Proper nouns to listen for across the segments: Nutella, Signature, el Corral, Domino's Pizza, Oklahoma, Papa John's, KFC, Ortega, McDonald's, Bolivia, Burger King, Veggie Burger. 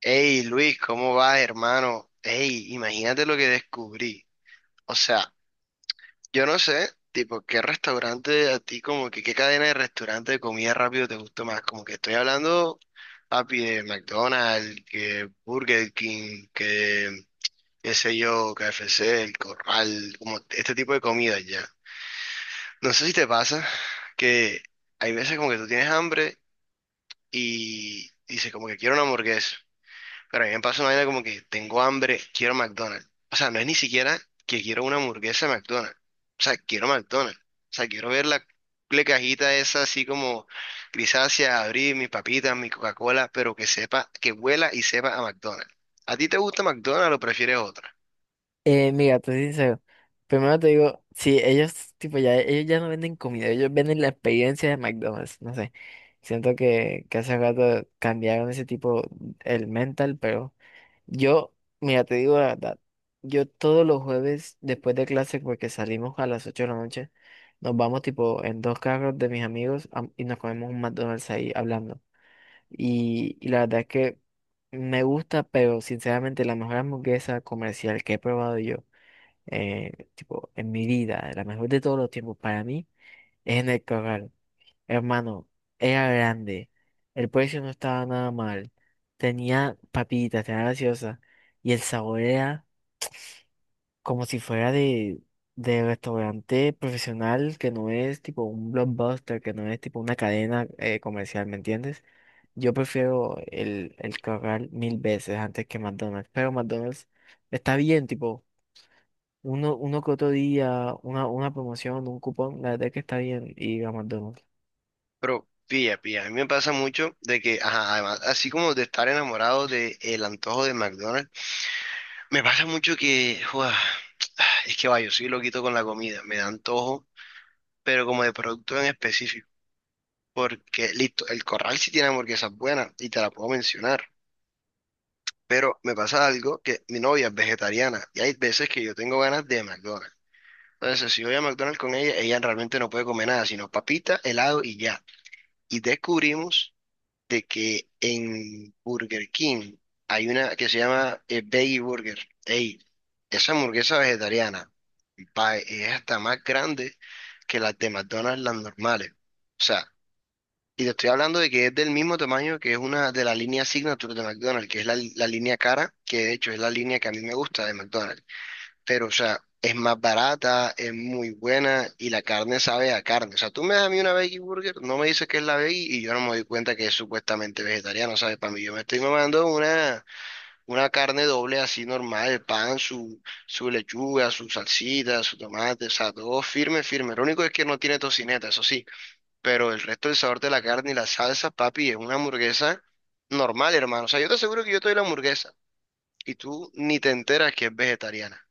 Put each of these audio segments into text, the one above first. Hey Luis, ¿cómo vas, hermano? Hey, imagínate lo que descubrí. O sea, yo no sé, tipo, qué restaurante a ti, como que qué cadena de restaurante de comida rápido te gusta más. Como que estoy hablando, papi, de McDonald's, que Burger King, que qué sé yo, KFC, el Corral, como este tipo de comida ya. No sé si te pasa que hay veces como que tú tienes hambre y dices como que quiero una hamburguesa. Pero a mí me pasa una vaina como que tengo hambre, quiero McDonald's. O sea, no es ni siquiera que quiero una hamburguesa de McDonald's. O sea, quiero McDonald's. O sea, quiero ver la cajita esa así como grisácea, abrir mis papitas, mi Coca-Cola, pero que sepa, que huela y sepa a McDonald's. ¿A ti te gusta McDonald's o prefieres otra? Mira, te soy sincero. Primero te digo, sí, ellos, tipo, ya, ellos ya no venden comida, ellos venden la experiencia de McDonald's, no sé. Siento que hace rato cambiaron ese tipo, el mental, pero yo, mira, te digo la verdad, yo todos los jueves después de clase, porque salimos a las 8 de la noche, nos vamos tipo en dos carros de mis amigos y nos comemos un McDonald's ahí hablando. Y la verdad es que me gusta, pero sinceramente la mejor hamburguesa comercial que he probado yo tipo, en mi vida, la mejor de todos los tiempos para mí, es en el corral. Hermano, era grande, el precio no estaba nada mal, tenía papitas, tenía gaseosa, y el sabor era como si fuera de restaurante profesional, que no es tipo un blockbuster, que no es tipo una cadena comercial, ¿me entiendes? Yo prefiero el corral mil veces antes que McDonald's, pero McDonald's está bien, tipo uno que otro día, una promoción, un cupón, la verdad es que está bien ir a McDonald's. Pero pilla, pilla. A mí me pasa mucho de que, ajá, además, así como de estar enamorado del antojo de McDonald's, me pasa mucho que, ¡guau! es que vaya, yo soy loquito con la comida. Me da antojo pero como de producto en específico. Porque, listo, el Corral sí tiene hamburguesas buenas y te la puedo mencionar. Pero me pasa algo que mi novia es vegetariana y hay veces que yo tengo ganas de McDonald's. Entonces, si voy a McDonald's con ella, ella realmente no puede comer nada, sino papita, helado y ya. Y descubrimos de que en Burger King hay una que se llama Veggie Burger. Ey, esa hamburguesa vegetariana pa, es hasta más grande que las de McDonald's, las normales. O sea, y te estoy hablando de que es del mismo tamaño que es una de la línea Signature de McDonald's, que es la línea cara, que de hecho es la línea que a mí me gusta de McDonald's. Pero, o sea, es más barata, es muy buena y la carne sabe a carne. O sea, tú me das a mí una veggie burger, no me dices que es la veggie y yo no me doy cuenta que es supuestamente vegetariano, ¿sabes? Para mí yo me estoy mamando una carne doble así normal, pan, su lechuga, su salsita, su tomate, o sea, todo firme, firme. Lo único es que no tiene tocineta, eso sí, pero el resto del sabor de la carne y la salsa, papi, es una hamburguesa normal, hermano. O sea, yo te aseguro que yo te doy la hamburguesa y tú ni te enteras que es vegetariana.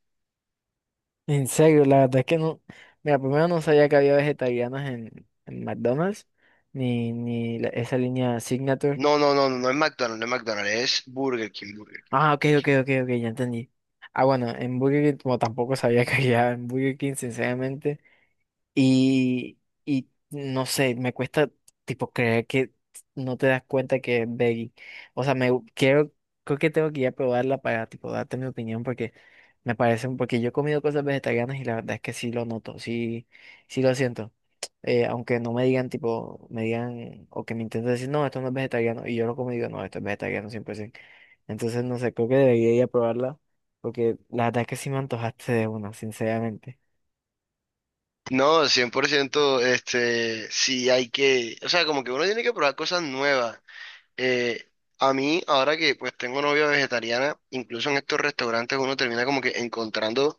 En serio, la verdad es que no, mira, primero no sabía que había vegetarianos en McDonald's, ni esa línea Signature. No, no, no, no, no es McDonald's, no es McDonald's, es Burger King, Burger King. Ah, ok, ok, ok, ok, ya entendí. Ah, bueno, en Burger King, como tampoco sabía que había en Burger King, sinceramente. Y, y no sé, me cuesta tipo creer que no te das cuenta que es veggie. O sea, quiero, creo que tengo que ir a probarla para tipo darte mi opinión porque me parece, porque yo he comido cosas vegetarianas y la verdad es que sí lo noto, sí, sí lo siento. Aunque no me digan tipo, me digan o que me intenten decir, no, esto no es vegetariano y yo lo como y digo, no, esto es vegetariano 100%. Entonces, no sé, creo que debería ir a probarla porque la verdad es que sí me antojaste de una, sinceramente. No, 100% este, sí hay que, o sea, como que uno tiene que probar cosas nuevas. Eh, a mí, ahora que pues tengo novia vegetariana, incluso en estos restaurantes uno termina como que encontrando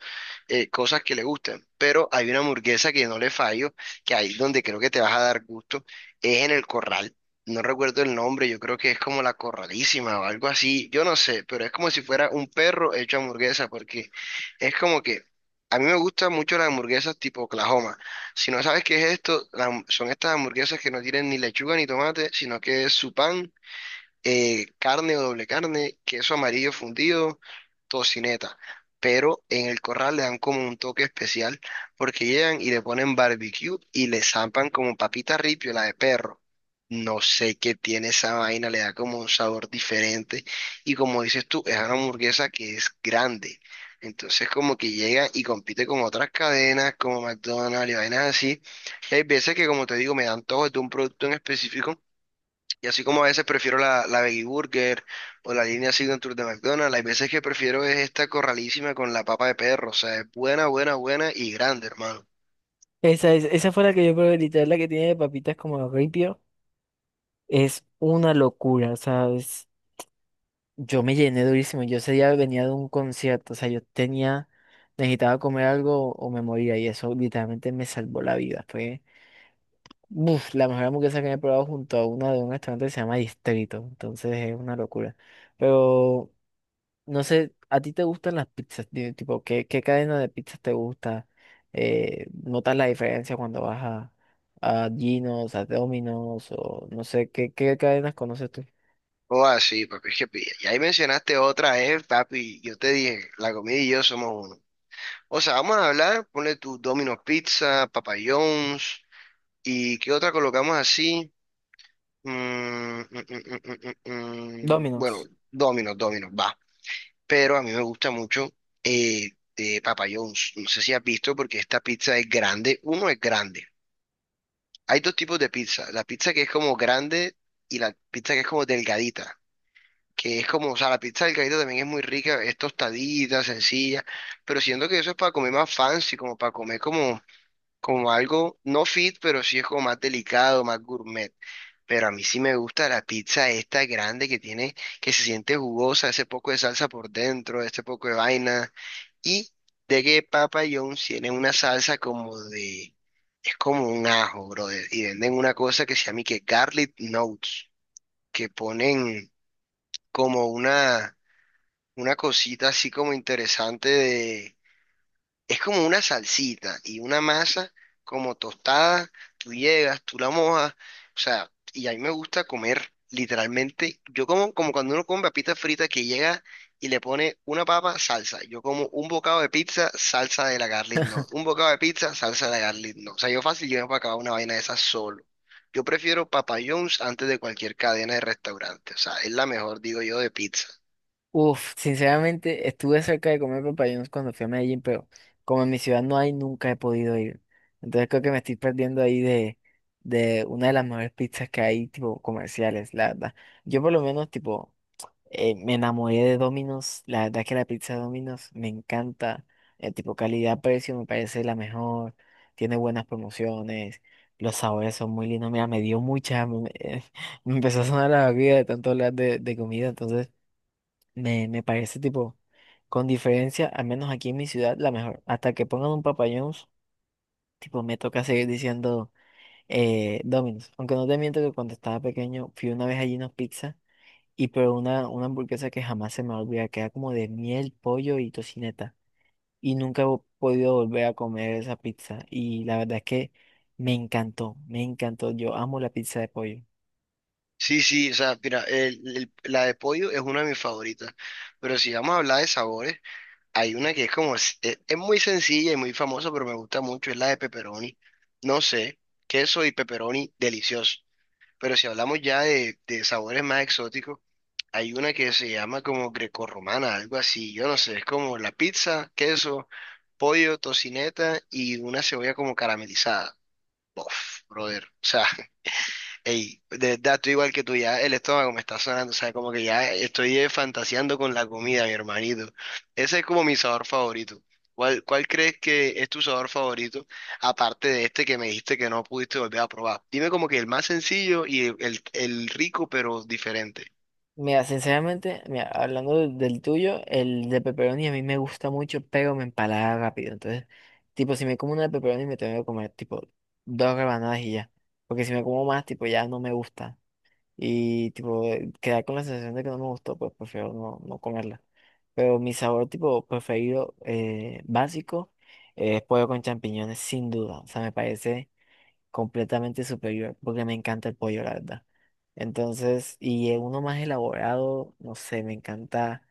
cosas que le gusten. Pero hay una hamburguesa que no le fallo, que ahí donde creo que te vas a dar gusto, es en el Corral. No recuerdo el nombre, yo creo que es como la Corralísima o algo así, yo no sé, pero es como si fuera un perro hecho hamburguesa, porque es como que a mí me gustan mucho las hamburguesas tipo Oklahoma. Si no sabes qué es esto, son estas hamburguesas que no tienen ni lechuga ni tomate, sino que es su pan, carne o doble carne, queso amarillo fundido, tocineta. Pero en el Corral le dan como un toque especial porque llegan y le ponen barbecue y le zampan como papita ripio, la de perro. No sé qué tiene esa vaina, le da como un sabor diferente. Y como dices tú, es una hamburguesa que es grande. Entonces como que llega y compite con otras cadenas como McDonald's y vainas así. Y hay veces que como te digo, me dan todo de un producto en específico y así como a veces prefiero la Veggie Burger o la línea Signature de McDonald's, hay veces que prefiero es esta corralísima con la papa de perro. O sea, es buena, buena, buena y grande, hermano. Esa, es, esa fue la que yo probé, literal, la que tiene papitas como ripio. Es una locura, ¿sabes? Yo me llené durísimo. Yo ese día venía de un concierto, o sea, yo tenía, necesitaba comer algo o me moría y eso literalmente me salvó la vida. Fue, uf, la mejor hamburguesa que me he probado junto a una de un restaurante que se llama Distrito. Entonces es una locura. Pero no sé, ¿a ti te gustan las pizzas? Dime, tipo, ¿qué, qué cadena de pizzas te gusta? ¿Notas la diferencia cuando vas a Gino's, a Domino's? O no sé, ¿qué, qué cadenas conoces tú? O así, papi, es que y ahí mencionaste otra, papi. Yo te dije, la comida y yo somos uno. O sea, vamos a hablar, ponle tu Domino's Pizza, Papa John's, y qué otra colocamos así. Mm, mm. Bueno, Domino's. Domino's, Domino's, va. Pero a mí me gusta mucho, eh, de Papa John's. No sé si has visto porque esta pizza es grande. Uno es grande. Hay dos tipos de pizza. La pizza que es como grande y la pizza que es como delgadita. Que es como, o sea, la pizza delgadita también es muy rica, es tostadita, sencilla, pero siento que eso es para comer más fancy, como para comer como algo no fit, pero sí es como más delicado, más gourmet. Pero a mí sí me gusta la pizza esta grande que tiene, que se siente jugosa, ese poco de salsa por dentro, ese poco de vaina, y de que Papa John's tiene una salsa como de, es como un ajo, brother, y venden una cosa que se llama y que garlic notes, que ponen como una cosita así como interesante de es como una salsita y una masa como tostada. Tú llegas, tú la mojas. O sea, y a mí me gusta comer literalmente. Yo como, como cuando uno come papita frita que llega y le pone una papa, salsa. Yo como un bocado de pizza, salsa de la garlic no. Un bocado de pizza, salsa de la garlic no. O sea, yo fácil llego para acabar una vaina de esas solo. Yo prefiero Papa John's antes de cualquier cadena de restaurante. O sea, es la mejor, digo yo, de pizza. Uf, sinceramente estuve cerca de comer papayón cuando fui a Medellín, pero como en mi ciudad no hay, nunca he podido ir. Entonces creo que me estoy perdiendo ahí de una de las mejores pizzas que hay, tipo comerciales, la verdad. Yo por lo menos, tipo, me enamoré de Domino's. La verdad que la pizza de Domino's me encanta. El tipo calidad-precio me parece la mejor. Tiene buenas promociones. Los sabores son muy lindos. Mira, me dio mucha hambre. Me empezó a sonar la barriga de tanto hablar de comida. Entonces, me parece tipo, con diferencia, al menos aquí en mi ciudad, la mejor. Hasta que pongan un Papa John's, tipo, me toca seguir diciendo Domino's. Aunque no te miento que cuando estaba pequeño fui una vez a Gino's Pizza. Y pero una hamburguesa que jamás se me olvida, que era como de miel, pollo y tocineta. Y nunca he podido volver a comer esa pizza. Y la verdad es que me encantó, me encantó. Yo amo la pizza de pollo. Sí, sí, o sea, mira, la de pollo es una de mis favoritas, pero si vamos a hablar de sabores, hay una que es como, muy sencilla y muy famosa, pero me gusta mucho, es la de pepperoni. No sé, queso y pepperoni, delicioso, pero si hablamos ya de sabores más exóticos, hay una que se llama como grecorromana, algo así, yo no sé, es como la pizza, queso, pollo, tocineta y una cebolla como caramelizada. Uf, brother, o sea. Ey, de verdad, estoy igual que tú, ya el estómago me está sonando, o sea, como que ya estoy, fantaseando con la comida, mi hermanito. Ese es como mi sabor favorito. ¿Cuál crees que es tu sabor favorito, aparte de este que me dijiste que no pudiste volver a probar? Dime como que el más sencillo y el rico, pero diferente. Mira, sinceramente, mira, hablando del tuyo, el de pepperoni a mí me gusta mucho, pero me empalaga rápido. Entonces, tipo, si me como una de pepperoni me tengo que comer, tipo, dos rebanadas y ya. Porque si me como más, tipo, ya no me gusta. Y tipo, quedar con la sensación de que no me gustó, pues prefiero no comerla. Pero mi sabor tipo preferido básico es pollo con champiñones, sin duda. O sea, me parece completamente superior porque me encanta el pollo, la verdad. Entonces, y uno más elaborado, no sé, me encanta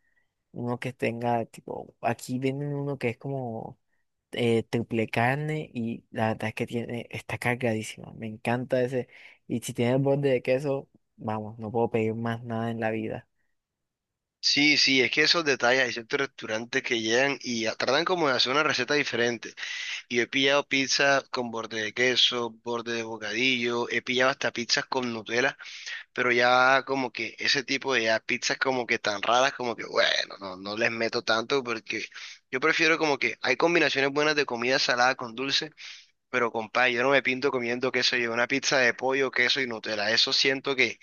uno que tenga, tipo, aquí venden uno que es como triple carne y la verdad es que tiene, está cargadísima. Me encanta ese. Y si tiene el borde de queso, vamos, no puedo pedir más nada en la vida. Sí, sí, es que esos detalles, hay ciertos restaurantes que llegan y tratan como de hacer una receta diferente. Y he pillado pizza con borde de queso, borde de bocadillo, he pillado hasta pizzas con Nutella, pero ya como que ese tipo de ya pizzas como que tan raras, como que bueno, no, no les meto tanto porque yo prefiero como que hay combinaciones buenas de comida salada con dulce, pero compadre, yo no me pinto comiendo queso, yo una pizza de pollo, queso y Nutella, eso siento que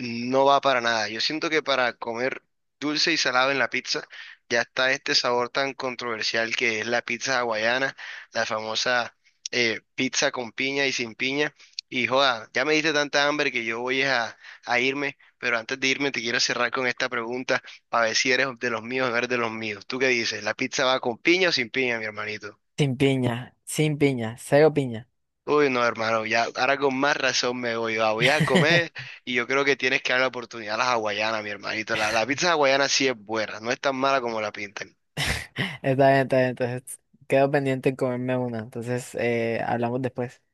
no va para nada. Yo siento que para comer dulce y salado en la pizza ya está este sabor tan controversial que es la pizza hawaiana, la famosa, pizza con piña y sin piña. Y joda, ya me diste tanta hambre que yo voy es a irme, pero antes de irme te quiero cerrar con esta pregunta para ver si eres de los míos o no eres de los míos. ¿Tú qué dices? ¿La pizza va con piña o sin piña, mi hermanito? Sin piña, sin piña, cero piña. Uy, no, hermano, ya ahora con más razón me voy. Voy a comer y yo creo que tienes que dar la oportunidad a las hawaianas, mi hermanito. La pizza hawaiana sí es buena, no es tan mala como la pintan. Está bien, está bien. Entonces, quedo pendiente en comerme una. Entonces, hablamos después.